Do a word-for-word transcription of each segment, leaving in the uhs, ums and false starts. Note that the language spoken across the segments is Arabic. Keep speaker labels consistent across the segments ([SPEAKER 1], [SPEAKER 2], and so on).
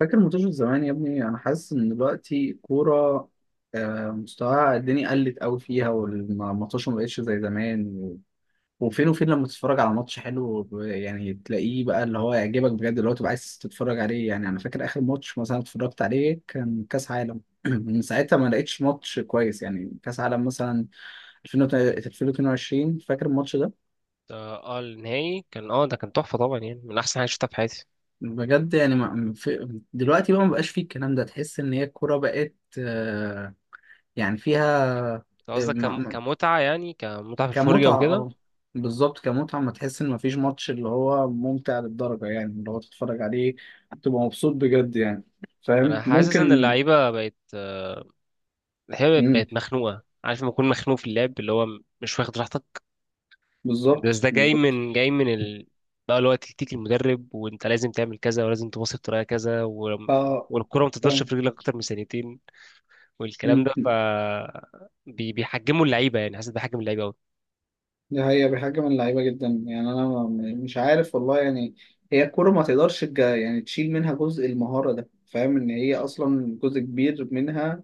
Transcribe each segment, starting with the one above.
[SPEAKER 1] فاكر منتشر زمان يا ابني. انا حاسس ان دلوقتي الكوره آه، مستواها الدنيا قلت قوي فيها، والماتش ما بقتش زي زمان و- وفين وفين لما تتفرج على ماتش حلو ب- يعني تلاقيه بقى اللي هو يعجبك بجد، اللي هو تبقى عايز تتفرج عليه. يعني انا فاكر اخر ماتش مثلا اتفرجت عليه كان كاس عالم من ساعتها ما لقيتش ماتش كويس. يعني كاس عالم مثلا ألفين واتنين وعشرين، فاكر الماتش ده.
[SPEAKER 2] اه آه، النهائي كان اه ده كان تحفة طبعا، يعني من أحسن حاجة شفتها في حياتي.
[SPEAKER 1] بجد يعني ما في دلوقتي، بقى ما بقاش فيه الكلام ده. تحس ان هي الكوره بقت آه، يعني فيها
[SPEAKER 2] أنت قصدك
[SPEAKER 1] م-
[SPEAKER 2] كم-
[SPEAKER 1] م-
[SPEAKER 2] كمتعة، يعني كمتعة في الفرجة
[SPEAKER 1] كمتعة،
[SPEAKER 2] وكده.
[SPEAKER 1] اه، بالظبط كمتعة. ما تحس ان مفيش ماتش اللي هو ممتع للدرجة، يعني اللي هو تتفرج عليه تبقى مبسوط بجد يعني.
[SPEAKER 2] أنا
[SPEAKER 1] فاهم؟
[SPEAKER 2] حاسس إن
[SPEAKER 1] ممكن.
[SPEAKER 2] اللعيبة بقت، آه، اللعيبة
[SPEAKER 1] مم.
[SPEAKER 2] بقت مخنوقة، عارف لما تكون مخنوق في اللعب اللي هو مش واخد راحتك. بس
[SPEAKER 1] بالظبط
[SPEAKER 2] ده جاي
[SPEAKER 1] بالظبط.
[SPEAKER 2] من جاي من ال... بقى اللي هو تكتيك المدرب، وأنت لازم تعمل كذا ولازم تباصي بطريقة كذا، و...
[SPEAKER 1] اه.
[SPEAKER 2] والكرة ما تقدرش
[SPEAKER 1] فاهم.
[SPEAKER 2] في رجلك أكتر من ثانيتين، والكلام
[SPEAKER 1] مم.
[SPEAKER 2] ده ف بي... بيحجموا اللعيبة، يعني حاسس بيحجم اللعيبة.
[SPEAKER 1] دي حقيقة بحاجة من اللعيبة جدا. يعني أنا م- مش عارف والله يعني. هي الكورة ما تقدرش تج- يعني تشيل منها جزء المهارة ده، فاهم؟ إن هي أصلا جزء كبير منها،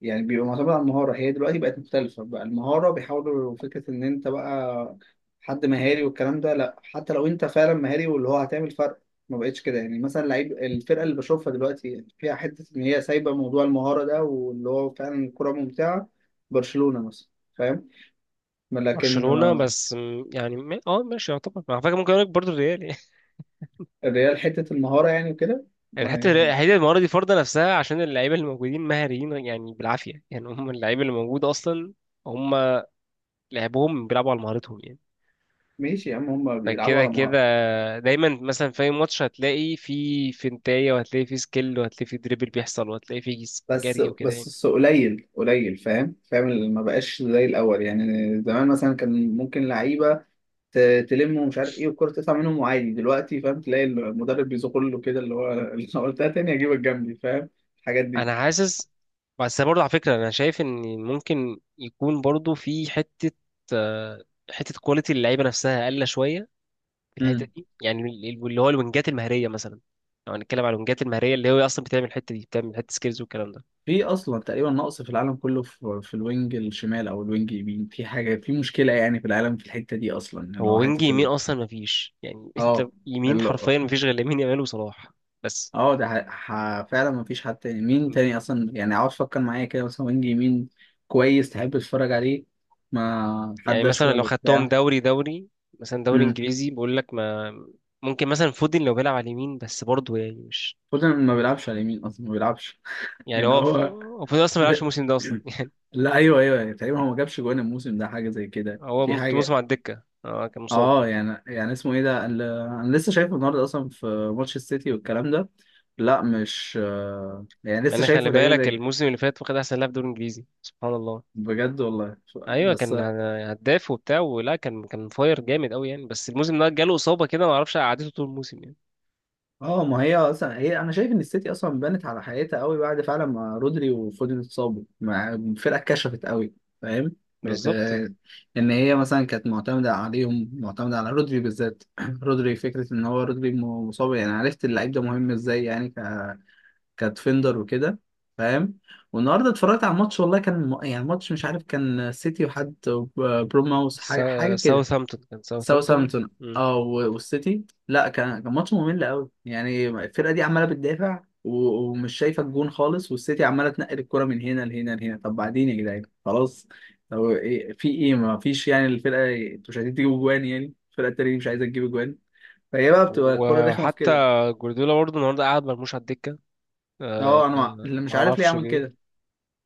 [SPEAKER 1] يعني بيبقى معتمد على المهارة. هي دلوقتي بقت مختلفة، بقى المهارة بيحاولوا فكرة إن أنت بقى حد مهاري والكلام ده، لأ، حتى لو أنت فعلا مهاري واللي هو هتعمل فرق ما بقتش كده. يعني مثلا لعيب الفرقة اللي بشوفها دلوقتي فيها حتة إن هي سايبة موضوع المهارة ده، واللي هو فعلا الكورة ممتعة. برشلونة مثلا. فاهم؟ لكن
[SPEAKER 2] برشلونة بس م- يعني ما- اه ماشي، يعتبر على فكرة، ممكن اقول لك برضه الريال يعني.
[SPEAKER 1] الريال حتة المهارة يعني وكده. ما
[SPEAKER 2] الحتة الريال-
[SPEAKER 1] هي-
[SPEAKER 2] الحتة المرة دي فرضة نفسها عشان اللعيبة اللي موجودين مهاريين يعني، بالعافية يعني هم اللعيبة اللي موجودة أصلا. هم لعبهم بيلعبوا على مهارتهم يعني.
[SPEAKER 1] ماشي يا عم، هما بيلعبوا
[SPEAKER 2] فكده
[SPEAKER 1] على
[SPEAKER 2] كده
[SPEAKER 1] مهارة.
[SPEAKER 2] دايما مثلا في أي ماتش هتلاقي في فنتاية، وهتلاقي في سكيل، وهتلاقي في دريبل بيحصل، وهتلاقي في
[SPEAKER 1] بس
[SPEAKER 2] جري وكده
[SPEAKER 1] بس
[SPEAKER 2] يعني.
[SPEAKER 1] الس- قليل قليل، فاهم؟ فاهم، اللي ما بقاش زي الأول يعني. زمان مثلا كان ممكن لعيبة ت- تلم ومش عارف ايه، والكرة تطلع منهم وعادي. دلوقتي فاهم تلاقي المدرب بيزق له كده، اللي هو اللي أنا قلتها، تاني أجيبك جنبي، فاهم؟ الحاجات دي.
[SPEAKER 2] أنا حاسس، بس برضه على فكرة أنا شايف إن ممكن يكون برضه في حتة، آه، حتة كواليتي اللعيبة نفسها أقل شوية في الحته
[SPEAKER 1] امم
[SPEAKER 2] دي، يعني ال- ال- اللي هو الوينجات المهريه مثلا. لو هنتكلم على الوينجات المهريه اللي هو اصلا بتعمل الحته دي، بتعمل حته سكيلز والكلام ده.
[SPEAKER 1] في اصلا تقريبا نقص في العالم كله، في, في الوينج الشمال او الوينج اليمين، في حاجه، في مشكله يعني في العالم في الحته دي اصلا، اللي
[SPEAKER 2] هو
[SPEAKER 1] هو
[SPEAKER 2] وينج
[SPEAKER 1] حته
[SPEAKER 2] يمين
[SPEAKER 1] ال...
[SPEAKER 2] اصلا ما فيش يعني، انت
[SPEAKER 1] اه.
[SPEAKER 2] يمين حرفيا ما فيش غير لامين يامال وصلاح بس.
[SPEAKER 1] اه، ده ح... ح... فعلا مفيش حد تاني. مين تاني اصلا يعني؟ عاوز فكر معايا كده، مثلا وينج يمين كويس تحب تتفرج عليه. ما
[SPEAKER 2] يعني
[SPEAKER 1] حد
[SPEAKER 2] مثلا لو
[SPEAKER 1] اشول
[SPEAKER 2] خدتهم
[SPEAKER 1] وبتاع.
[SPEAKER 2] دوري دوري، مثلا دوري
[SPEAKER 1] امم
[SPEAKER 2] انجليزي بقول لك، ما ممكن مثلا فودن لو بيلعب على اليمين، بس برضه يعني مش
[SPEAKER 1] فودن ما بيلعبش على اليمين اصلا، ما بيلعبش
[SPEAKER 2] يعني
[SPEAKER 1] يعني
[SPEAKER 2] هو،
[SPEAKER 1] هو.
[SPEAKER 2] هو فودن اصلا ما بيلعبش
[SPEAKER 1] لا,
[SPEAKER 2] الموسم ده اصلا يعني.
[SPEAKER 1] لا ايوه ايوه، يعني تقريبا هو ما جابش جوان الموسم ده حاجه زي كده،
[SPEAKER 2] هو
[SPEAKER 1] في
[SPEAKER 2] مت- موسم على
[SPEAKER 1] حاجه.
[SPEAKER 2] الدكه، اه كان مصاب.
[SPEAKER 1] اه يعني يعني اسمه ايه ده ال- انا لسه شايفه النهارده اصلا في ماتش السيتي والكلام ده. لا مش آه، يعني
[SPEAKER 2] مع
[SPEAKER 1] لسه
[SPEAKER 2] ان احنا اللي
[SPEAKER 1] شايفه تقريبا
[SPEAKER 2] بالك
[SPEAKER 1] ده-
[SPEAKER 2] الموسم اللي فات واخد احسن لاعب دوري انجليزي سبحان الله.
[SPEAKER 1] بجد والله.
[SPEAKER 2] ايوه
[SPEAKER 1] بس
[SPEAKER 2] كان هداف وبتاع ولا، كان كان فاير جامد قوي يعني، بس الموسم ده جاله اصابه كده ما اعرفش قعدته طول الموسم يعني.
[SPEAKER 1] اه. ما هي اصلا هي انا شايف ان السيتي اصلا بنت على حقيقتها قوي. بعد فعلا ما رودري وفودن اتصابوا، مع الفرقه اتكشفت قوي، فاهم؟ بقت
[SPEAKER 2] بالظبط.
[SPEAKER 1] آه، ان هي مثلا كانت معتمده عليهم، معتمده على رودري بالذات. رودري فكره ان هو رودري م- مصاب، يعني عرفت اللعيب ده مهم ازاي يعني، ك... كديفندر وكده، فاهم؟ والنهارده اتفرجت على الماتش والله، كان م- يعني ماتش مش عارف، كان سيتي وحد ب- بروماوس، حاجه حاجه
[SPEAKER 2] سا-
[SPEAKER 1] كده.
[SPEAKER 2] ساوثهامبتون، كان ساوثهامبتون.
[SPEAKER 1] ساوثهامبتون.
[SPEAKER 2] مم.
[SPEAKER 1] اه، و- والسيتي، لا كان كان ماتش ممل قوي. يعني الفرقه دي عماله بتدافع و- ومش شايفه الجون خالص، والسيتي عماله تنقل الكره من هنا لهنا لهنا. طب بعدين يا جدعان، خلاص. طب إيه، في ايه؟ ما فيش يعني. الفرقه انتوا مش عايزين تجيبوا جوان، يعني الفرقه التانيه دي مش عايزه تجيب جوان، فهي بقى بتبقى الكره رخمه في
[SPEAKER 2] وحتى
[SPEAKER 1] كده.
[SPEAKER 2] جوارديولا برضه النهارده قعد مرموش على الدكه، أه.
[SPEAKER 1] اه، انا مع- اللي مش
[SPEAKER 2] ما
[SPEAKER 1] عارف ليه
[SPEAKER 2] اعرفش
[SPEAKER 1] عمل كده.
[SPEAKER 2] ليه.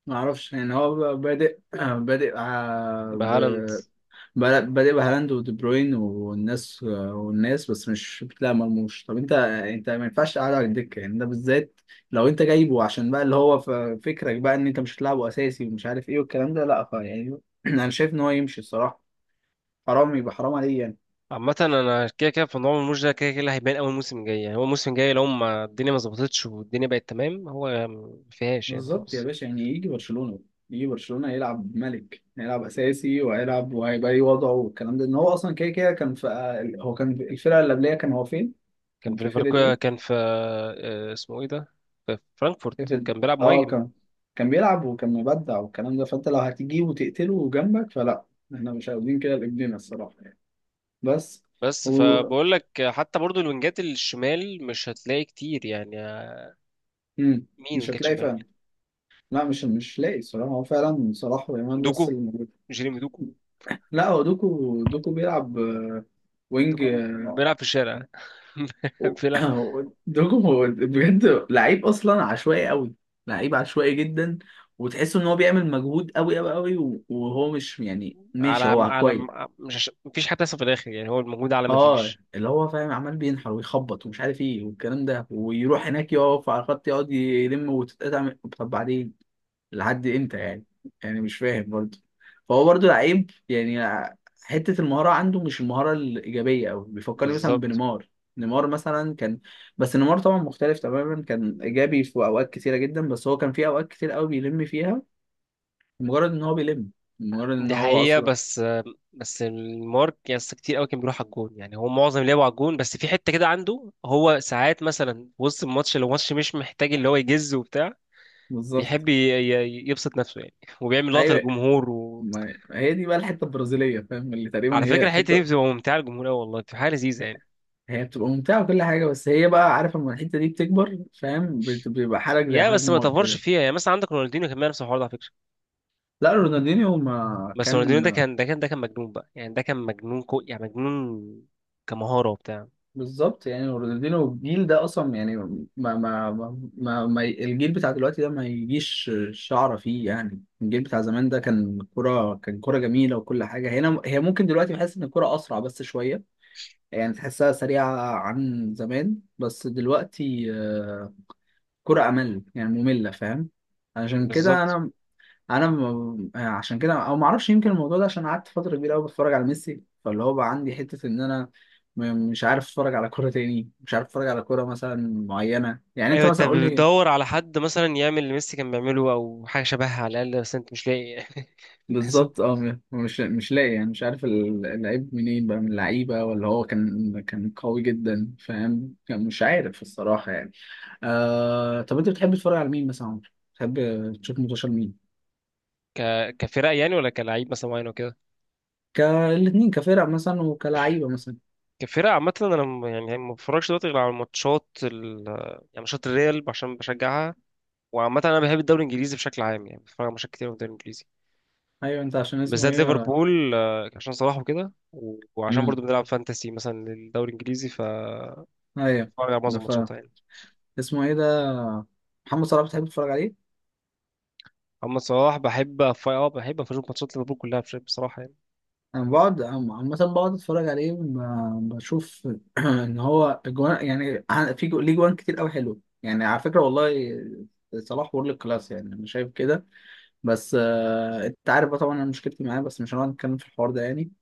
[SPEAKER 1] ما اعرفش يعني، هو بقى بادئ آه، بادئ آه، ب...
[SPEAKER 2] بهالاند.
[SPEAKER 1] بادئ بادئ بهالاند ودي بروين والناس والناس، بس مش بتلاقي مرموش. طب انت انت ما ينفعش تقعده على الدكه يعني ده بالذات. لو انت جايبه عشان بقى اللي هو ف- فكرك بقى ان انت مش هتلعبه اساسي ومش عارف ايه والكلام ده، لا ف- يعني انا شايف ان هو يمشي الصراحه، حرام يبقى، حرام عليه يعني.
[SPEAKER 2] عامة انا كده كده في موضوع مرموش ده، كده كده اللي هيبان اول موسم جاي، يعني هو الموسم الجاي لو ما الدنيا ما ظبطتش والدنيا بقت تمام هو ما فيهاش يعني
[SPEAKER 1] بالظبط يا
[SPEAKER 2] خلاص.
[SPEAKER 1] باشا، يعني يجي برشلونه، يجي برشلونه يلعب ملك، هيلعب اساسي وهيلعب وهيبقى ليه وضعه والكلام ده. ان هو اصلا كده كده كان في، هو كان في الفرقه اللي قبليه كان هو فين؟
[SPEAKER 2] كان
[SPEAKER 1] كان
[SPEAKER 2] في
[SPEAKER 1] في فرقه
[SPEAKER 2] ليفربول،
[SPEAKER 1] ايه؟
[SPEAKER 2] كان في، آه، اسمه ايه ده، في فرانكفورت
[SPEAKER 1] قفل.
[SPEAKER 2] كان بيلعب
[SPEAKER 1] اه
[SPEAKER 2] مهاجم.
[SPEAKER 1] كان كان بيلعب وكان مبدع والكلام ده، فانت لو هتجيبه وتقتله جنبك، فلا، احنا مش عاوزين كده لابننا الصراحه يعني. بس
[SPEAKER 2] بس
[SPEAKER 1] و...
[SPEAKER 2] فبقول لك حتى برضو الوينجات الشمال مش هتلاقي كتير يعني.
[SPEAKER 1] مم.
[SPEAKER 2] مين
[SPEAKER 1] مش
[SPEAKER 2] وينجات
[SPEAKER 1] هتلاقي
[SPEAKER 2] شمال؟
[SPEAKER 1] فعلا. لا مش مش لاقي الصراحه. هو فعلا صلاح ويامال بس
[SPEAKER 2] دوكو،
[SPEAKER 1] اللي موجود.
[SPEAKER 2] جيريمي دوكو.
[SPEAKER 1] لا هو دوكو، دوكو بيلعب آه، وينج
[SPEAKER 2] دوكو
[SPEAKER 1] آه،
[SPEAKER 2] بيلعب في الشارع،
[SPEAKER 1] و-
[SPEAKER 2] بيلعب
[SPEAKER 1] دوكو هو بجد لعيب اصلا عشوائي قوي، لعيب عشوائي جدا. وتحس ان هو بيعمل مجهود قوي قوي قوي، وهو مش يعني
[SPEAKER 2] على
[SPEAKER 1] ماشي، هو
[SPEAKER 2] على،
[SPEAKER 1] كويس.
[SPEAKER 2] مش عش- مفيش حد لسه في الاخر يعني، هو الموجود على
[SPEAKER 1] اه
[SPEAKER 2] مفيش.
[SPEAKER 1] اللي هو فاهم، عمال بينحر ويخبط ومش عارف ايه والكلام ده، ويروح هناك يقف على الخط يقعد يلم وتتقطع من- طب بعدين، لحد امتى يعني؟ يعني مش فاهم برضه. فهو برضه لعيب يعني، حتة المهارة عنده مش المهارة الإيجابية أوي. بيفكرني مثلا
[SPEAKER 2] بالظبط.
[SPEAKER 1] بنيمار. نيمار مثلا كان، بس نيمار طبعا مختلف تماما، كان إيجابي في أوقات كتيرة جدا، بس هو كان في أوقات كتير أوي بيلم فيها، مجرد إن هو بيلم، مجرد إن
[SPEAKER 2] دي
[SPEAKER 1] هو
[SPEAKER 2] حقيقة،
[SPEAKER 1] أصلا.
[SPEAKER 2] بس بس المارك يعني كتير قوي كان بيروح على الجون، يعني هو معظم لعبه على الجون، بس في حتة كده عنده هو ساعات مثلا في وسط الماتش لو الماتش مش محتاج اللي هو يجز وبتاع،
[SPEAKER 1] بالظبط.
[SPEAKER 2] بيحب ي- ي- يبسط نفسه يعني، وبيعمل لقطة
[SPEAKER 1] أيوه.
[SPEAKER 2] للجمهور. و...
[SPEAKER 1] ما هي دي بقى الحته البرازيليه، فاهم؟ اللي تقريبا
[SPEAKER 2] على فكره
[SPEAKER 1] هي
[SPEAKER 2] الحته دي
[SPEAKER 1] حته.
[SPEAKER 2] بتبقى ممتعه للجمهور قوي والله، بتبقى حاجه لذيذه يعني.
[SPEAKER 1] هي بتبقى ممتعه وكل حاجه، بس هي بقى عارف لما الحته دي بتكبر، فاهم؟ بت- بيبقى حالك زي
[SPEAKER 2] يا
[SPEAKER 1] حال
[SPEAKER 2] بس ما
[SPEAKER 1] نيمار
[SPEAKER 2] تفرش
[SPEAKER 1] كده.
[SPEAKER 2] فيها يعني، مثلا عندك رونالدينيو كان بيعمل نفس الحوار ده على فكره.
[SPEAKER 1] لا رونالدينيو ما
[SPEAKER 2] بس رونالدينيو ده
[SPEAKER 1] كان.
[SPEAKER 2] كان ده كان ده كان مجنون بقى يعني، ده كان مجنون، كو يعني مجنون كمهاره وبتاع.
[SPEAKER 1] بالظبط، يعني رونالدينيو الجيل ده اصلا، يعني ما ما ما, ما, ما الجيل بتاع دلوقتي ده ما يجيش شعره فيه يعني. الجيل بتاع زمان ده كان كرة، كان كرة جميله وكل حاجه. هنا هي ممكن دلوقتي بحس ان الكرة اسرع بس شويه، يعني تحسها سريعه عن زمان، بس دلوقتي كرة أمل يعني مملة، فاهم؟ عشان كده
[SPEAKER 2] بالظبط.
[SPEAKER 1] أنا، أنا م- يعني عشان كده أو معرفش، يمكن الموضوع ده عشان قعدت فترة كبيرة أوي بتفرج على ميسي، فاللي هو بقى عندي حتة إن أنا م- مش عارف أتفرج على كرة تاني، مش عارف أتفرج على كرة مثلا معينة. يعني أنت
[SPEAKER 2] ايوه انت
[SPEAKER 1] مثلا قول لي.
[SPEAKER 2] بتدور على حد مثلا يعمل اللي ميسي كان بيعمله او حاجه شبهها على الاقل، بس انت مش لاقي. للأسف.
[SPEAKER 1] بالظبط أه، م- مش مش لاقي يعني، مش عارف ال- اللعيب منين بقى، من اللعيبة ولا هو كان، كان قوي جدا فاهم، كان مش عارف الصراحة يعني. آه، طب أنت بتحب تتفرج على مين مثلا يا عمر؟ بتحب تشوف منتشر مين؟
[SPEAKER 2] ك كفرق يعني، ولا كلاعب مثلا معين وكده؟
[SPEAKER 1] كالاثنين، كفرق مثلا وكلعيبه مثلا.
[SPEAKER 2] كفرق عامه انا م- يعني ما بتفرجش دلوقتي غير على ماتشات ال... يعني ماتشات الريال عشان بشجعها. وعامة أنا بحب الدوري الإنجليزي بشكل عام يعني، بتفرج على ماتشات كتير من الدوري الإنجليزي،
[SPEAKER 1] ايوه انت عشان اسمه
[SPEAKER 2] بالذات
[SPEAKER 1] ايه.
[SPEAKER 2] ليفربول، آه، عشان صلاح وكده، و- وعشان
[SPEAKER 1] امم.
[SPEAKER 2] برضو بنلعب فانتسي مثلا للدوري الإنجليزي، فبتفرج
[SPEAKER 1] ايوه.
[SPEAKER 2] على
[SPEAKER 1] ده
[SPEAKER 2] معظم
[SPEAKER 1] ف،
[SPEAKER 2] ماتشاتها يعني.
[SPEAKER 1] اسمه ايه ده، محمد صلاح، بتحب تتفرج عليه.
[SPEAKER 2] أما صلاح بحب أف- اه بحب أشوف ماتشات ليفربول كلها بش- بصراحة يعني.
[SPEAKER 1] انا بقعد عم- عامه بقعد اتفرج عليه، ب- بشوف ان هو اجوان يعني، ع- في جو- ليه جوان كتير قوي حلو يعني على فكره والله. صلاح وورلد كلاس يعني، انا شايف كده. بس آه، انت عارف بقى طبعا انا مشكلتي معاه، بس مش هنقعد نتكلم في الحوار ده يعني.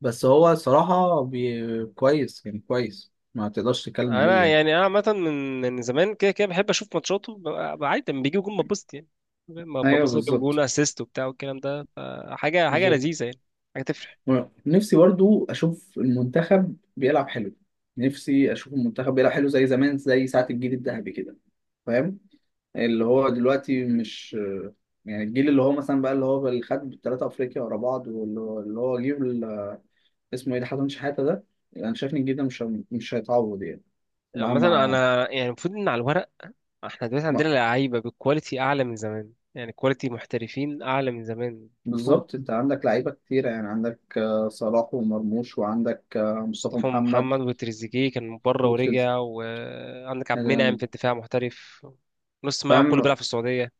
[SPEAKER 1] بس هو صراحه بي... كويس يعني، كويس ما تقدرش تتكلم عليه
[SPEAKER 2] أنا
[SPEAKER 1] يعني.
[SPEAKER 2] يعني، أنا عامة من من زمان كده كده بحب أشوف ماتشاته، ببقى عادي لما بيجيب جون ببسط يعني، لما
[SPEAKER 1] ايوه
[SPEAKER 2] ببسط جاب جون
[SPEAKER 1] بالظبط.
[SPEAKER 2] أسيست وبتاع والكلام ده، فحاجة حاجة
[SPEAKER 1] بالظبط.
[SPEAKER 2] لذيذة يعني، حاجة تفرح.
[SPEAKER 1] نفسي برضو اشوف المنتخب بيلعب حلو، نفسي اشوف المنتخب بيلعب حلو زي زمان، زي ساعة الجيل الذهبي كده، فاهم؟ اللي هو دلوقتي مش، يعني الجيل اللي هو مثلا بقى، اللي هو اللي خد ثلاثة افريقيا ورا بعض، واللي هو اللي هو جيل ال- اسمه ايه ده، حسن شحاتة ده. انا شايف ان الجيل ده مش مش هيتعوض يعني. مع
[SPEAKER 2] مثلا
[SPEAKER 1] مع
[SPEAKER 2] أنا يعني المفروض إن على الورق احنا دلوقتي عندنا
[SPEAKER 1] مع-
[SPEAKER 2] لعيبه بالكواليتي اعلى من زمان يعني، كواليتي محترفين اعلى من زمان المفروض.
[SPEAKER 1] بالظبط. انت عندك لعيبة كتيرة يعني، عندك آه، صلاح ومرموش، وعندك آه، مصطفى
[SPEAKER 2] مصطفى
[SPEAKER 1] محمد
[SPEAKER 2] محمد وتريزيجيه كان من بره
[SPEAKER 1] وتريز.
[SPEAKER 2] ورجع، وعندك عبد المنعم في الدفاع محترف، نص ملعب كله
[SPEAKER 1] فاهم؟
[SPEAKER 2] بيلعب في السعوديه،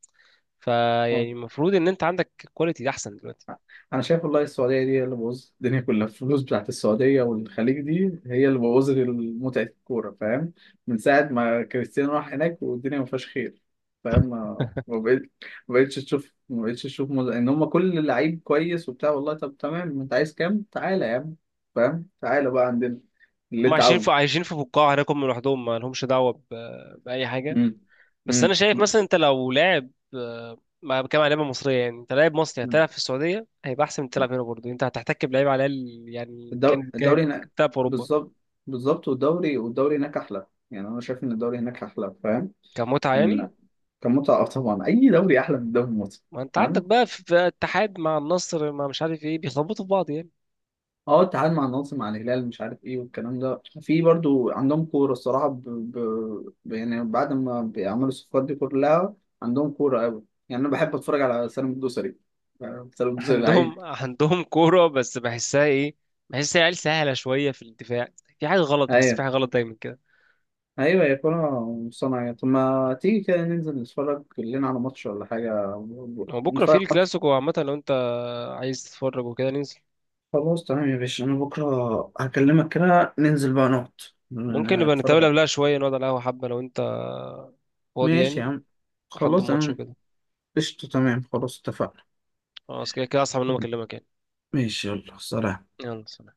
[SPEAKER 2] فيعني المفروض ان انت عندك كواليتي احسن دلوقتي.
[SPEAKER 1] انا شايف والله السعوديه دي هي اللي بوظت الدنيا كلها. الفلوس بتاعت السعوديه والخليج دي هي اللي بوظت متعه الكوره، فاهم؟ من ساعه ما كريستيانو راح هناك والدنيا ما فيهاش خير، فاهم؟ ما ما بقيت- ما بقتش تشوف، ما بقتش تشوف مز... ان هم كل لعيب كويس وبتاع والله طب تمام انت عايز كام، تعالى يا عم، فاهم؟ تعالى بقى عندنا اللي
[SPEAKER 2] هم
[SPEAKER 1] انت
[SPEAKER 2] عايشين في،
[SPEAKER 1] عاوزه.
[SPEAKER 2] عايشين في بقاع هناك هم لوحدهم ما لهمش دعوه ب... باي حاجه.
[SPEAKER 1] امم.
[SPEAKER 2] بس
[SPEAKER 1] امم.
[SPEAKER 2] انا شايف مثلا انت لو لاعب، آه، ما بتكلم على لعيبه مصريه يعني، انت لاعب مصري هتلعب في السعوديه هيبقى احسن من تلعب هنا، برضه انت هتحتك بلعيب على الاقل يعني،
[SPEAKER 1] الدو-
[SPEAKER 2] كان كان
[SPEAKER 1] الدوري هناك.
[SPEAKER 2] بتلعب في اوروبا.
[SPEAKER 1] بالظبط. بالظبط، والدوري والدوري هناك احلى يعني، انا شايف ان الدوري هناك احلى. فاهم؟
[SPEAKER 2] كمتعه يعني.
[SPEAKER 1] كان متعة. آه طبعا، أي دوري أحلى من الدوري المصري.
[SPEAKER 2] ما انت عندك
[SPEAKER 1] فاهم؟
[SPEAKER 2] بقى في في اتحاد مع النصر مع مش عارف ايه، بيخبطوا في بعض يعني.
[SPEAKER 1] اه التعادل مع النصر مع الهلال مش عارف ايه والكلام ده، في برضو عندهم كورة الصراحة ب... ب... ب- يعني بعد ما بيعملوا الصفقات دي كلها عندهم كورة أوي. يعني أنا بحب أتفرج على سالم الدوسري، آه، سالم الدوسري لعيب.
[SPEAKER 2] عندهم عندهم كوره بس بحسها ايه، بحس العيال سهله شويه في الدفاع، في حاجه غلط، بحس في
[SPEAKER 1] أيوه.
[SPEAKER 2] حاجه غلط دايما كده.
[SPEAKER 1] أيوه هي كورة صناعية. طب ما تيجي كده ننزل نتفرج لنا على ماتش ولا حاجة،
[SPEAKER 2] هو بكره
[SPEAKER 1] نتفرج
[SPEAKER 2] في
[SPEAKER 1] على ماتش.
[SPEAKER 2] الكلاسيكو عامه لو انت عايز تتفرج وكده ننزل.
[SPEAKER 1] خلاص تمام يا باشا، أنا بكرة هكلمك كده، ننزل بقى نقعد
[SPEAKER 2] ممكن نبقى نتقابل
[SPEAKER 1] نتفرج.
[SPEAKER 2] قبلها شوية، نقعد على القهوة حبة لو انت فاضي
[SPEAKER 1] ماشي يا
[SPEAKER 2] يعني،
[SPEAKER 1] عم.
[SPEAKER 2] لحد
[SPEAKER 1] خلاص
[SPEAKER 2] الماتش
[SPEAKER 1] انا
[SPEAKER 2] وكده.
[SPEAKER 1] قشطة، تمام، خلاص اتفقنا.
[SPEAKER 2] خلاص كده كده اصحى من النوم اكلمك يعني.
[SPEAKER 1] ماشي، يلا سلام.
[SPEAKER 2] يلا سلام.